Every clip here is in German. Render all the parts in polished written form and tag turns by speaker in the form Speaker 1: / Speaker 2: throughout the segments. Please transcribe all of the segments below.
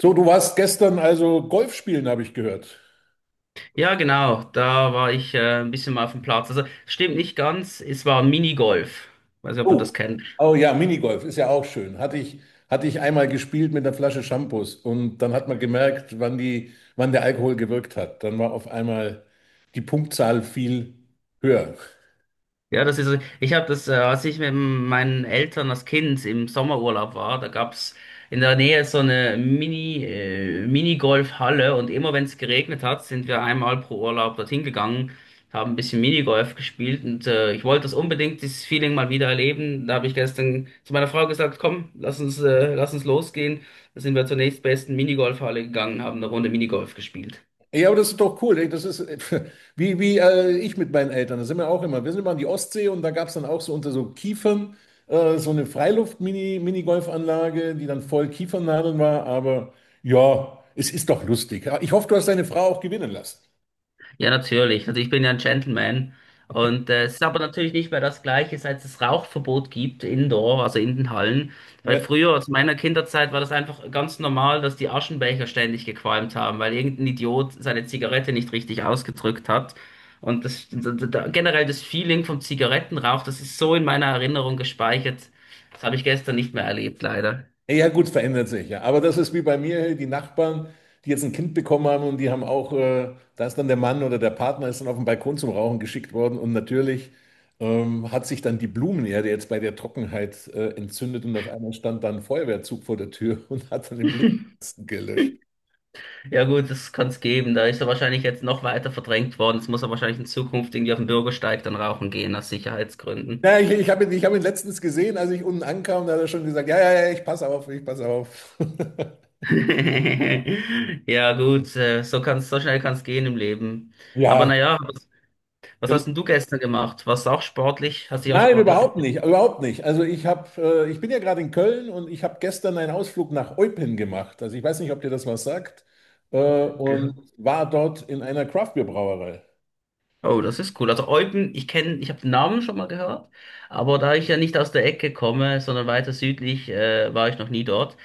Speaker 1: So, du warst gestern also Golf spielen, habe ich gehört.
Speaker 2: Ja, genau, da war ich ein bisschen mal auf dem Platz. Also, stimmt nicht ganz, es war Minigolf. Weiß nicht, ob du
Speaker 1: Oh,
Speaker 2: das kennst.
Speaker 1: oh ja, Minigolf ist ja auch schön. Hatte ich einmal gespielt mit einer Flasche Shampoos und dann hat man gemerkt, wann der Alkohol gewirkt hat. Dann war auf einmal die Punktzahl viel höher.
Speaker 2: Ich habe als ich mit meinen Eltern als Kind im Sommerurlaub war, da gab's in der Nähe so eine Minigolfhalle und immer wenn es geregnet hat, sind wir einmal pro Urlaub dorthin gegangen, haben ein bisschen Minigolf gespielt und ich wollte das unbedingt, dieses Feeling mal wieder erleben. Da habe ich gestern zu meiner Frau gesagt, komm, lass uns losgehen. Da sind wir zur nächstbesten Minigolfhalle gegangen, haben eine Runde Minigolf gespielt.
Speaker 1: Ja, aber das ist doch cool, ey. Das ist wie ich mit meinen Eltern. Da sind wir auch immer. Wir sind immer an die Ostsee und da gab es dann auch so unter so Kiefern so eine Freiluft-Mini-Minigolfanlage, die dann voll Kiefernadeln war. Aber ja, es ist doch lustig. Ja, ich hoffe, du hast deine Frau auch gewinnen lassen.
Speaker 2: Ja, natürlich. Also ich bin ja ein Gentleman. Und es ist aber natürlich nicht mehr das Gleiche, seit es Rauchverbot gibt, indoor, also in den Hallen. Weil
Speaker 1: Ja.
Speaker 2: früher, aus meiner Kinderzeit, war das einfach ganz normal, dass die Aschenbecher ständig gequalmt haben, weil irgendein Idiot seine Zigarette nicht richtig ausgedrückt hat. Und das, d- d- d- generell das Feeling vom Zigarettenrauch, das ist so in meiner Erinnerung gespeichert. Das habe ich gestern nicht mehr erlebt, leider.
Speaker 1: Ja, gut, verändert sich, ja. Aber das ist wie bei mir, hey, die Nachbarn, die jetzt ein Kind bekommen haben und die haben auch, da ist dann der Mann oder der Partner ist dann auf den Balkon zum Rauchen geschickt worden und natürlich hat sich dann die Blumenerde jetzt bei der Trockenheit entzündet und auf einmal stand dann ein Feuerwehrzug vor der Tür und hat dann den Blumenkasten gelöscht.
Speaker 2: Ja gut, das kann's geben. Da ist er wahrscheinlich jetzt noch weiter verdrängt worden. Jetzt muss er wahrscheinlich in Zukunft irgendwie auf den Bürgersteig dann rauchen gehen, aus Sicherheitsgründen.
Speaker 1: Ja, ich hab ihn letztens gesehen, als ich unten ankam, da hat er schon gesagt, ja, ja, ja, ich passe auf, ich passe auf.
Speaker 2: Ja gut, so kann's, so schnell kann's gehen im Leben. Aber
Speaker 1: Ja,
Speaker 2: naja, was, was
Speaker 1: so-
Speaker 2: hast denn du gestern gemacht? Warst du auch sportlich? Hast dich auch
Speaker 1: Nein,
Speaker 2: sportlich
Speaker 1: überhaupt
Speaker 2: betätigt?
Speaker 1: nicht, überhaupt nicht. Also ich bin ja gerade in Köln und ich habe gestern einen Ausflug nach Eupen gemacht. Also ich weiß nicht, ob dir das was sagt, äh, und
Speaker 2: Gehört?
Speaker 1: war dort in einer Craftbeer-Brauerei.
Speaker 2: Oh, das ist cool. Also Eupen, ich habe den Namen schon mal gehört, aber da ich ja nicht aus der Ecke komme, sondern weiter südlich, war ich noch nie dort.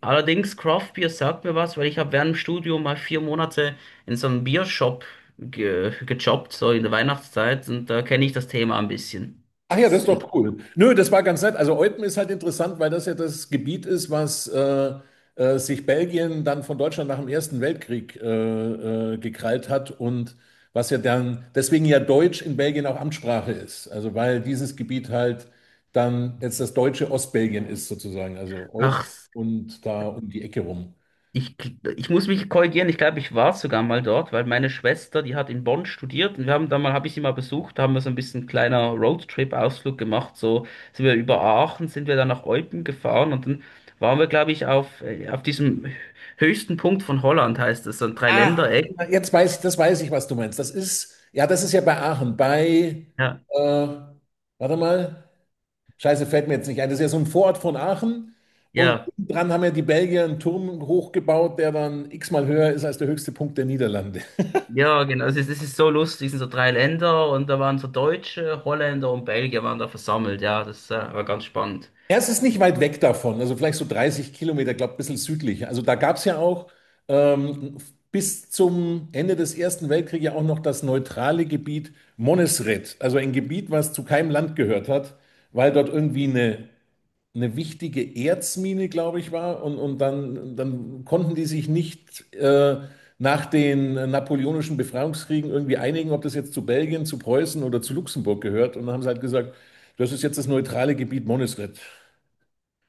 Speaker 2: Allerdings, Craftbier sagt mir was, weil ich habe während dem Studium mal 4 Monate in so einem Biershop ge gejobbt, so in der Weihnachtszeit, und da kenne ich das Thema ein bisschen.
Speaker 1: Ach ja,
Speaker 2: Das
Speaker 1: das
Speaker 2: ist
Speaker 1: ist
Speaker 2: inter-
Speaker 1: doch cool. Nö, das war ganz nett. Also Eupen ist halt interessant, weil das ja das Gebiet ist, was sich Belgien dann von Deutschland nach dem Ersten Weltkrieg gekrallt hat und was ja dann, deswegen ja Deutsch in Belgien auch Amtssprache ist. Also weil dieses Gebiet halt dann jetzt das deutsche Ostbelgien ist sozusagen. Also Eupen
Speaker 2: Ach,
Speaker 1: und da um die Ecke rum.
Speaker 2: ich, ich muss mich korrigieren, ich glaube, ich war sogar mal dort, weil meine Schwester, die hat in Bonn studiert und wir haben da mal, habe ich sie mal besucht, da haben wir so ein bisschen kleiner Roadtrip-Ausflug gemacht, so sind wir über Aachen, sind wir dann nach Eupen gefahren und dann waren wir, glaube ich, auf diesem höchsten Punkt von Holland, heißt es, so ein
Speaker 1: Ah,
Speaker 2: Dreiländereck.
Speaker 1: jetzt weiß ich, das weiß ich, was du meinst. Das ist ja bei Aachen, bei,
Speaker 2: Ja,
Speaker 1: äh, warte mal. Scheiße, fällt mir jetzt nicht ein. Das ist ja so ein Vorort von Aachen. Und
Speaker 2: Ja,
Speaker 1: dran haben ja die Belgier einen Turm hochgebaut, der dann x-mal höher ist als der höchste Punkt der Niederlande.
Speaker 2: ja, genau. Also das ist so lustig, es sind so drei Länder und da waren so Deutsche, Holländer und Belgier waren da versammelt. Ja, das war ganz spannend.
Speaker 1: Ja, es ist nicht weit weg davon, also vielleicht so 30 Kilometer, glaube ein bisschen südlich. Also da gab es ja auch ähm, bis zum Ende des Ersten Weltkriegs ja auch noch das neutrale Gebiet Monesret, also ein Gebiet, was zu keinem Land gehört hat, weil dort irgendwie eine wichtige Erzmine, glaube ich, war. Und dann konnten die sich nicht nach den napoleonischen Befreiungskriegen irgendwie einigen, ob das jetzt zu Belgien, zu Preußen oder zu Luxemburg gehört. Und dann haben sie halt gesagt, das ist jetzt das neutrale Gebiet Monisrett.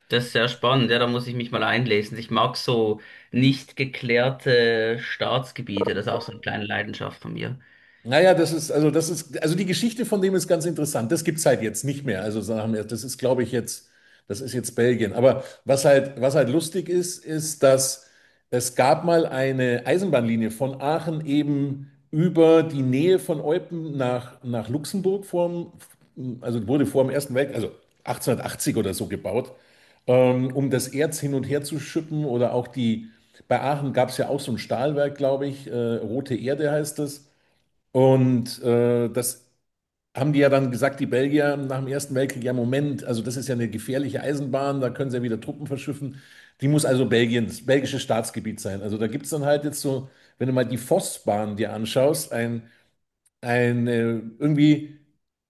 Speaker 2: Das ist sehr spannend, ja, da muss ich mich mal einlesen. Ich mag so nicht geklärte Staatsgebiete, das ist auch so eine kleine Leidenschaft von mir.
Speaker 1: Naja, also die Geschichte von dem ist ganz interessant. Das gibt's halt jetzt nicht mehr. Also sagen wir, das ist, glaube ich, jetzt, das ist jetzt Belgien. Aber was halt lustig ist, dass es gab mal eine Eisenbahnlinie von Aachen eben über die Nähe von Eupen nach Luxemburg vorm, also wurde vor dem Ersten Weltkrieg, also 1880 oder so gebaut, um das Erz hin und her zu schippen oder auch die, bei Aachen gab's ja auch so ein Stahlwerk, glaube ich, Rote Erde heißt das. Und das haben die ja dann gesagt, die Belgier nach dem Ersten Weltkrieg, ja Moment, also das ist ja eine gefährliche Eisenbahn, da können sie ja wieder Truppen verschiffen. Die muss also belgisches Staatsgebiet sein. Also da gibt es dann halt jetzt so, wenn du mal die Vossbahn dir anschaust, ein irgendwie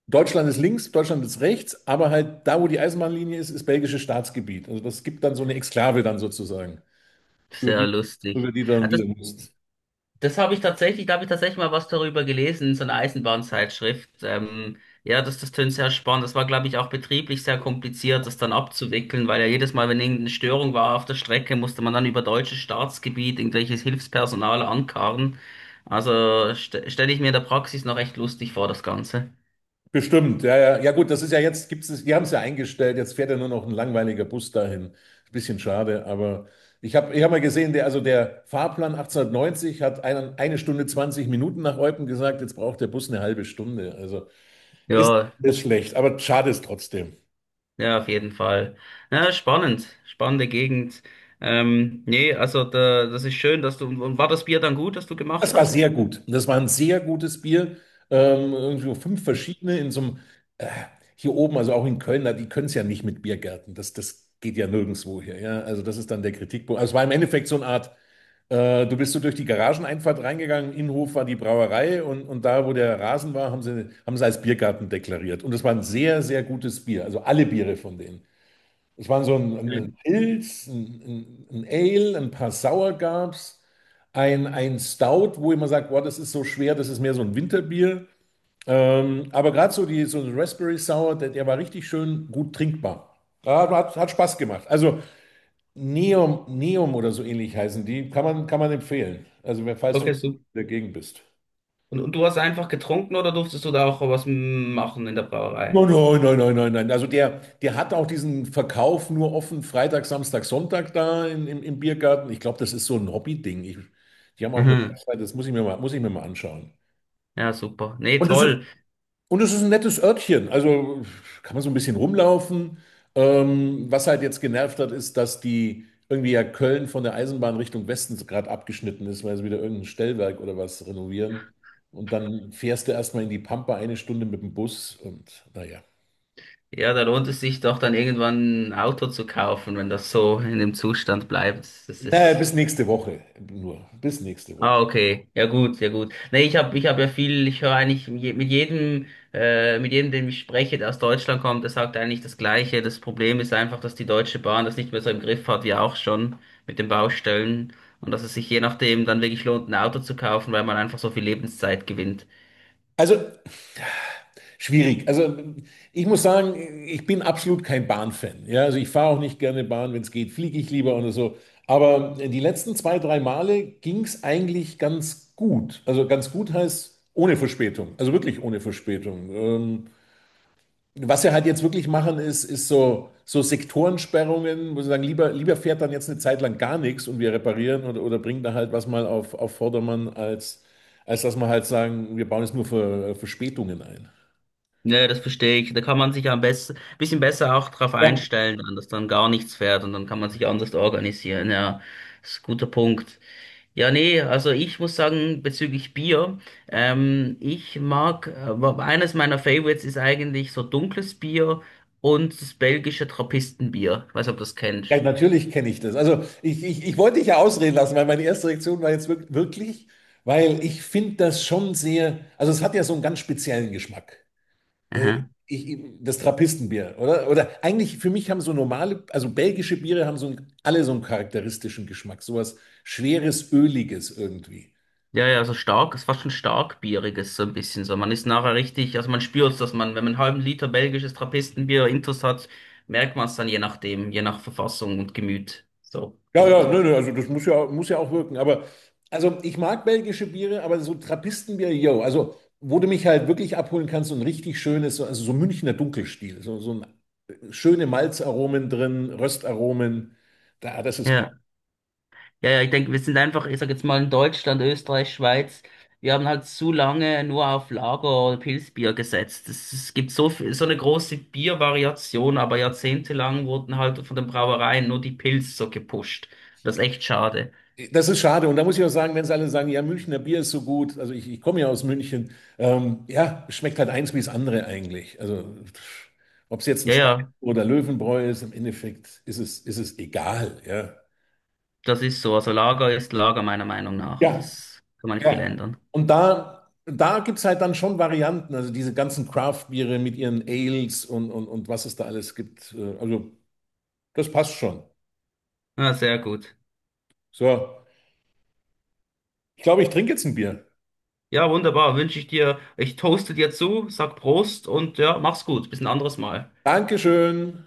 Speaker 1: Deutschland ist links, Deutschland ist rechts, aber halt da, wo die Eisenbahnlinie ist, ist belgisches Staatsgebiet. Also das gibt dann so eine Exklave dann sozusagen, über
Speaker 2: Sehr
Speaker 1: die,
Speaker 2: lustig.
Speaker 1: über die du
Speaker 2: Ah,
Speaker 1: dann wieder
Speaker 2: Das
Speaker 1: musst.
Speaker 2: Das habe ich tatsächlich, da habe ich tatsächlich mal was darüber gelesen, in so einer Eisenbahnzeitschrift. Ja, das tönt sehr spannend. Das war, glaube ich, auch betrieblich sehr kompliziert, das dann abzuwickeln, weil ja jedes Mal, wenn irgendeine Störung war auf der Strecke, musste man dann über deutsches Staatsgebiet irgendwelches Hilfspersonal ankarren. Also st stelle ich mir in der Praxis noch echt lustig vor, das Ganze.
Speaker 1: Bestimmt, ja, ja. Ja gut, das ist ja jetzt, gibt's es, die haben es ja eingestellt, jetzt fährt ja nur noch ein langweiliger Bus dahin. Ein bisschen schade, aber ich hab mal gesehen, der, also der Fahrplan 1890 hat eine Stunde 20 Minuten nach Eupen gesagt, jetzt braucht der Bus eine halbe Stunde. Also ist,
Speaker 2: Ja,
Speaker 1: ist schlecht, aber schade ist trotzdem.
Speaker 2: ja, auf jeden Fall. Ja, spannend, spannende Gegend. Nee, also da, das ist schön, dass du, und war das Bier dann gut, das du gemacht
Speaker 1: Das war
Speaker 2: hast?
Speaker 1: sehr gut. Das war ein sehr gutes Bier. Irgendwie so fünf verschiedene in so einem, äh, hier oben, also auch in Köln, na, die können es ja nicht mit Biergärten. Das geht ja nirgendwo hier. Ja? Also das ist dann der Kritikpunkt. Also es war im Endeffekt so eine Art, du bist so durch die Garageneinfahrt reingegangen, Innenhof war die Brauerei und da, wo der Rasen war, haben sie als Biergarten deklariert. Und es war ein sehr, sehr gutes Bier. Also alle Biere von denen. Ich meine, so ein
Speaker 2: Mhm.
Speaker 1: Pilz, ein Ale, ein paar Sauer gab's, ein Stout, wo immer sagt, boah, das ist so schwer, das ist mehr so ein Winterbier. Aber gerade so die so ein Raspberry Sour, der war richtig schön gut trinkbar. Ja, hat Spaß gemacht. Also Neum, Neum oder so ähnlich heißen die, kann man empfehlen. Also, falls du in
Speaker 2: Okay, super.
Speaker 1: der Gegend bist.
Speaker 2: Und du hast einfach getrunken oder durftest du da auch was machen in der
Speaker 1: Nein,
Speaker 2: Brauerei?
Speaker 1: nein, nein, nein, nein, nein. Also der hat auch diesen Verkauf nur offen Freitag, Samstag, Sonntag da im Biergarten. Ich glaube, das ist so ein Hobby-Ding. Die haben auch eine
Speaker 2: Mhm.
Speaker 1: Website, das muss ich mir mal anschauen.
Speaker 2: Ja, super. Nee,
Speaker 1: Und das ist,
Speaker 2: toll.
Speaker 1: und das ist ein nettes Örtchen. Also kann man so ein bisschen rumlaufen. Was halt jetzt genervt hat, ist, dass die irgendwie ja Köln von der Eisenbahn Richtung Westen gerade abgeschnitten ist, weil sie wieder irgendein Stellwerk oder was renovieren. Und dann fährst du erstmal in die Pampa eine Stunde mit dem Bus und naja.
Speaker 2: Ja, da lohnt es sich doch dann irgendwann ein Auto zu kaufen, wenn das so in dem Zustand bleibt. Das
Speaker 1: Naja,
Speaker 2: ist.
Speaker 1: bis nächste Woche nur. Bis nächste Woche.
Speaker 2: Ah, okay. Ja gut, ja gut. Nee, ich hab ja viel, ich höre eigentlich mit jedem, dem ich spreche, der aus Deutschland kommt, der sagt eigentlich das Gleiche. Das Problem ist einfach, dass die Deutsche Bahn das nicht mehr so im Griff hat, wie auch schon mit den Baustellen. Und dass es sich je nachdem dann wirklich lohnt, ein Auto zu kaufen, weil man einfach so viel Lebenszeit gewinnt.
Speaker 1: Also schwierig. Also ich muss sagen, ich bin absolut kein Bahnfan. Ja, also ich fahre auch nicht gerne Bahn. Wenn es geht, fliege ich lieber oder so. Aber die letzten zwei, drei Male ging es eigentlich ganz gut. Also ganz gut heißt ohne Verspätung. Also wirklich ohne Verspätung. Was wir halt jetzt wirklich machen, ist so Sektorensperrungen, wo sie sagen, lieber fährt dann jetzt eine Zeit lang gar nichts und wir reparieren oder bringen da halt was mal auf Vordermann, als dass wir halt sagen, wir bauen jetzt nur für Verspätungen ein.
Speaker 2: Nee, das verstehe ich. Da kann man sich ja am besten, bisschen besser auch drauf
Speaker 1: Ja,
Speaker 2: einstellen, dann, dass dann gar nichts fährt und dann kann man sich anders organisieren. Ja, das ist ein guter Punkt. Ja, nee, also ich muss sagen, bezüglich Bier, eines meiner Favorites ist eigentlich so dunkles Bier und das belgische Trappistenbier. Ich weiß nicht, ob du das kennst.
Speaker 1: ja natürlich kenne ich das. Also ich wollte dich ja ausreden lassen, weil meine erste Reaktion war jetzt wirklich, weil ich finde das schon sehr, also es hat ja so einen ganz speziellen Geschmack. Äh,
Speaker 2: Aha.
Speaker 1: das Trappistenbier, oder? Oder eigentlich für mich haben so normale, also belgische Biere haben so einen, alle so einen charakteristischen Geschmack, sowas schweres, öliges irgendwie.
Speaker 2: Ja, ja, so stark, ist fast schon stark bieriges, so ein bisschen so. Man ist nachher richtig, also man spürt dass man, wenn man einen halben Liter belgisches Trappistenbier intus hat, merkt man es dann je nachdem, je nach Verfassung und Gemüt. So,
Speaker 1: Ja,
Speaker 2: finde
Speaker 1: ja,
Speaker 2: ich.
Speaker 1: nö, nö, also das muss ja auch wirken. Aber also ich mag belgische Biere, aber so Trappistenbier, yo, also wo du mich halt wirklich abholen kannst, so ein richtig schönes, also so Münchner Dunkelstil, schöne Malzaromen drin, Röstaromen, das ist gut.
Speaker 2: Ja. Ja, ja, ich denke, wir sind einfach, ich sag jetzt mal in Deutschland, Österreich, Schweiz, wir haben halt zu lange nur auf Lager- oder Pilzbier gesetzt. Es gibt so viel, so eine große Biervariation, aber jahrzehntelang wurden halt von den Brauereien nur die Pils so gepusht. Das ist echt schade.
Speaker 1: Das ist schade. Und da muss ich auch sagen, wenn sie alle sagen, ja, Münchner Bier ist so gut, also ich komme ja aus München, ja, schmeckt halt eins wie das andere eigentlich. Also ob es jetzt ein
Speaker 2: Ja,
Speaker 1: Spargel
Speaker 2: ja,
Speaker 1: oder Löwenbräu ist, im Endeffekt ist es egal, ja.
Speaker 2: das ist so. Also Lager ist Lager meiner Meinung nach.
Speaker 1: Ja,
Speaker 2: Das kann man nicht viel
Speaker 1: ja.
Speaker 2: ändern.
Speaker 1: Und da gibt es halt dann schon Varianten, also diese ganzen Craft-Biere mit ihren Ales und was es da alles gibt. Also das passt schon.
Speaker 2: Ja, sehr gut.
Speaker 1: So, ich glaube, ich trinke jetzt ein Bier.
Speaker 2: Ja, wunderbar. Wünsche ich dir, ich toaste dir zu, sag Prost und ja, mach's gut. Bis ein anderes Mal.
Speaker 1: Dankeschön.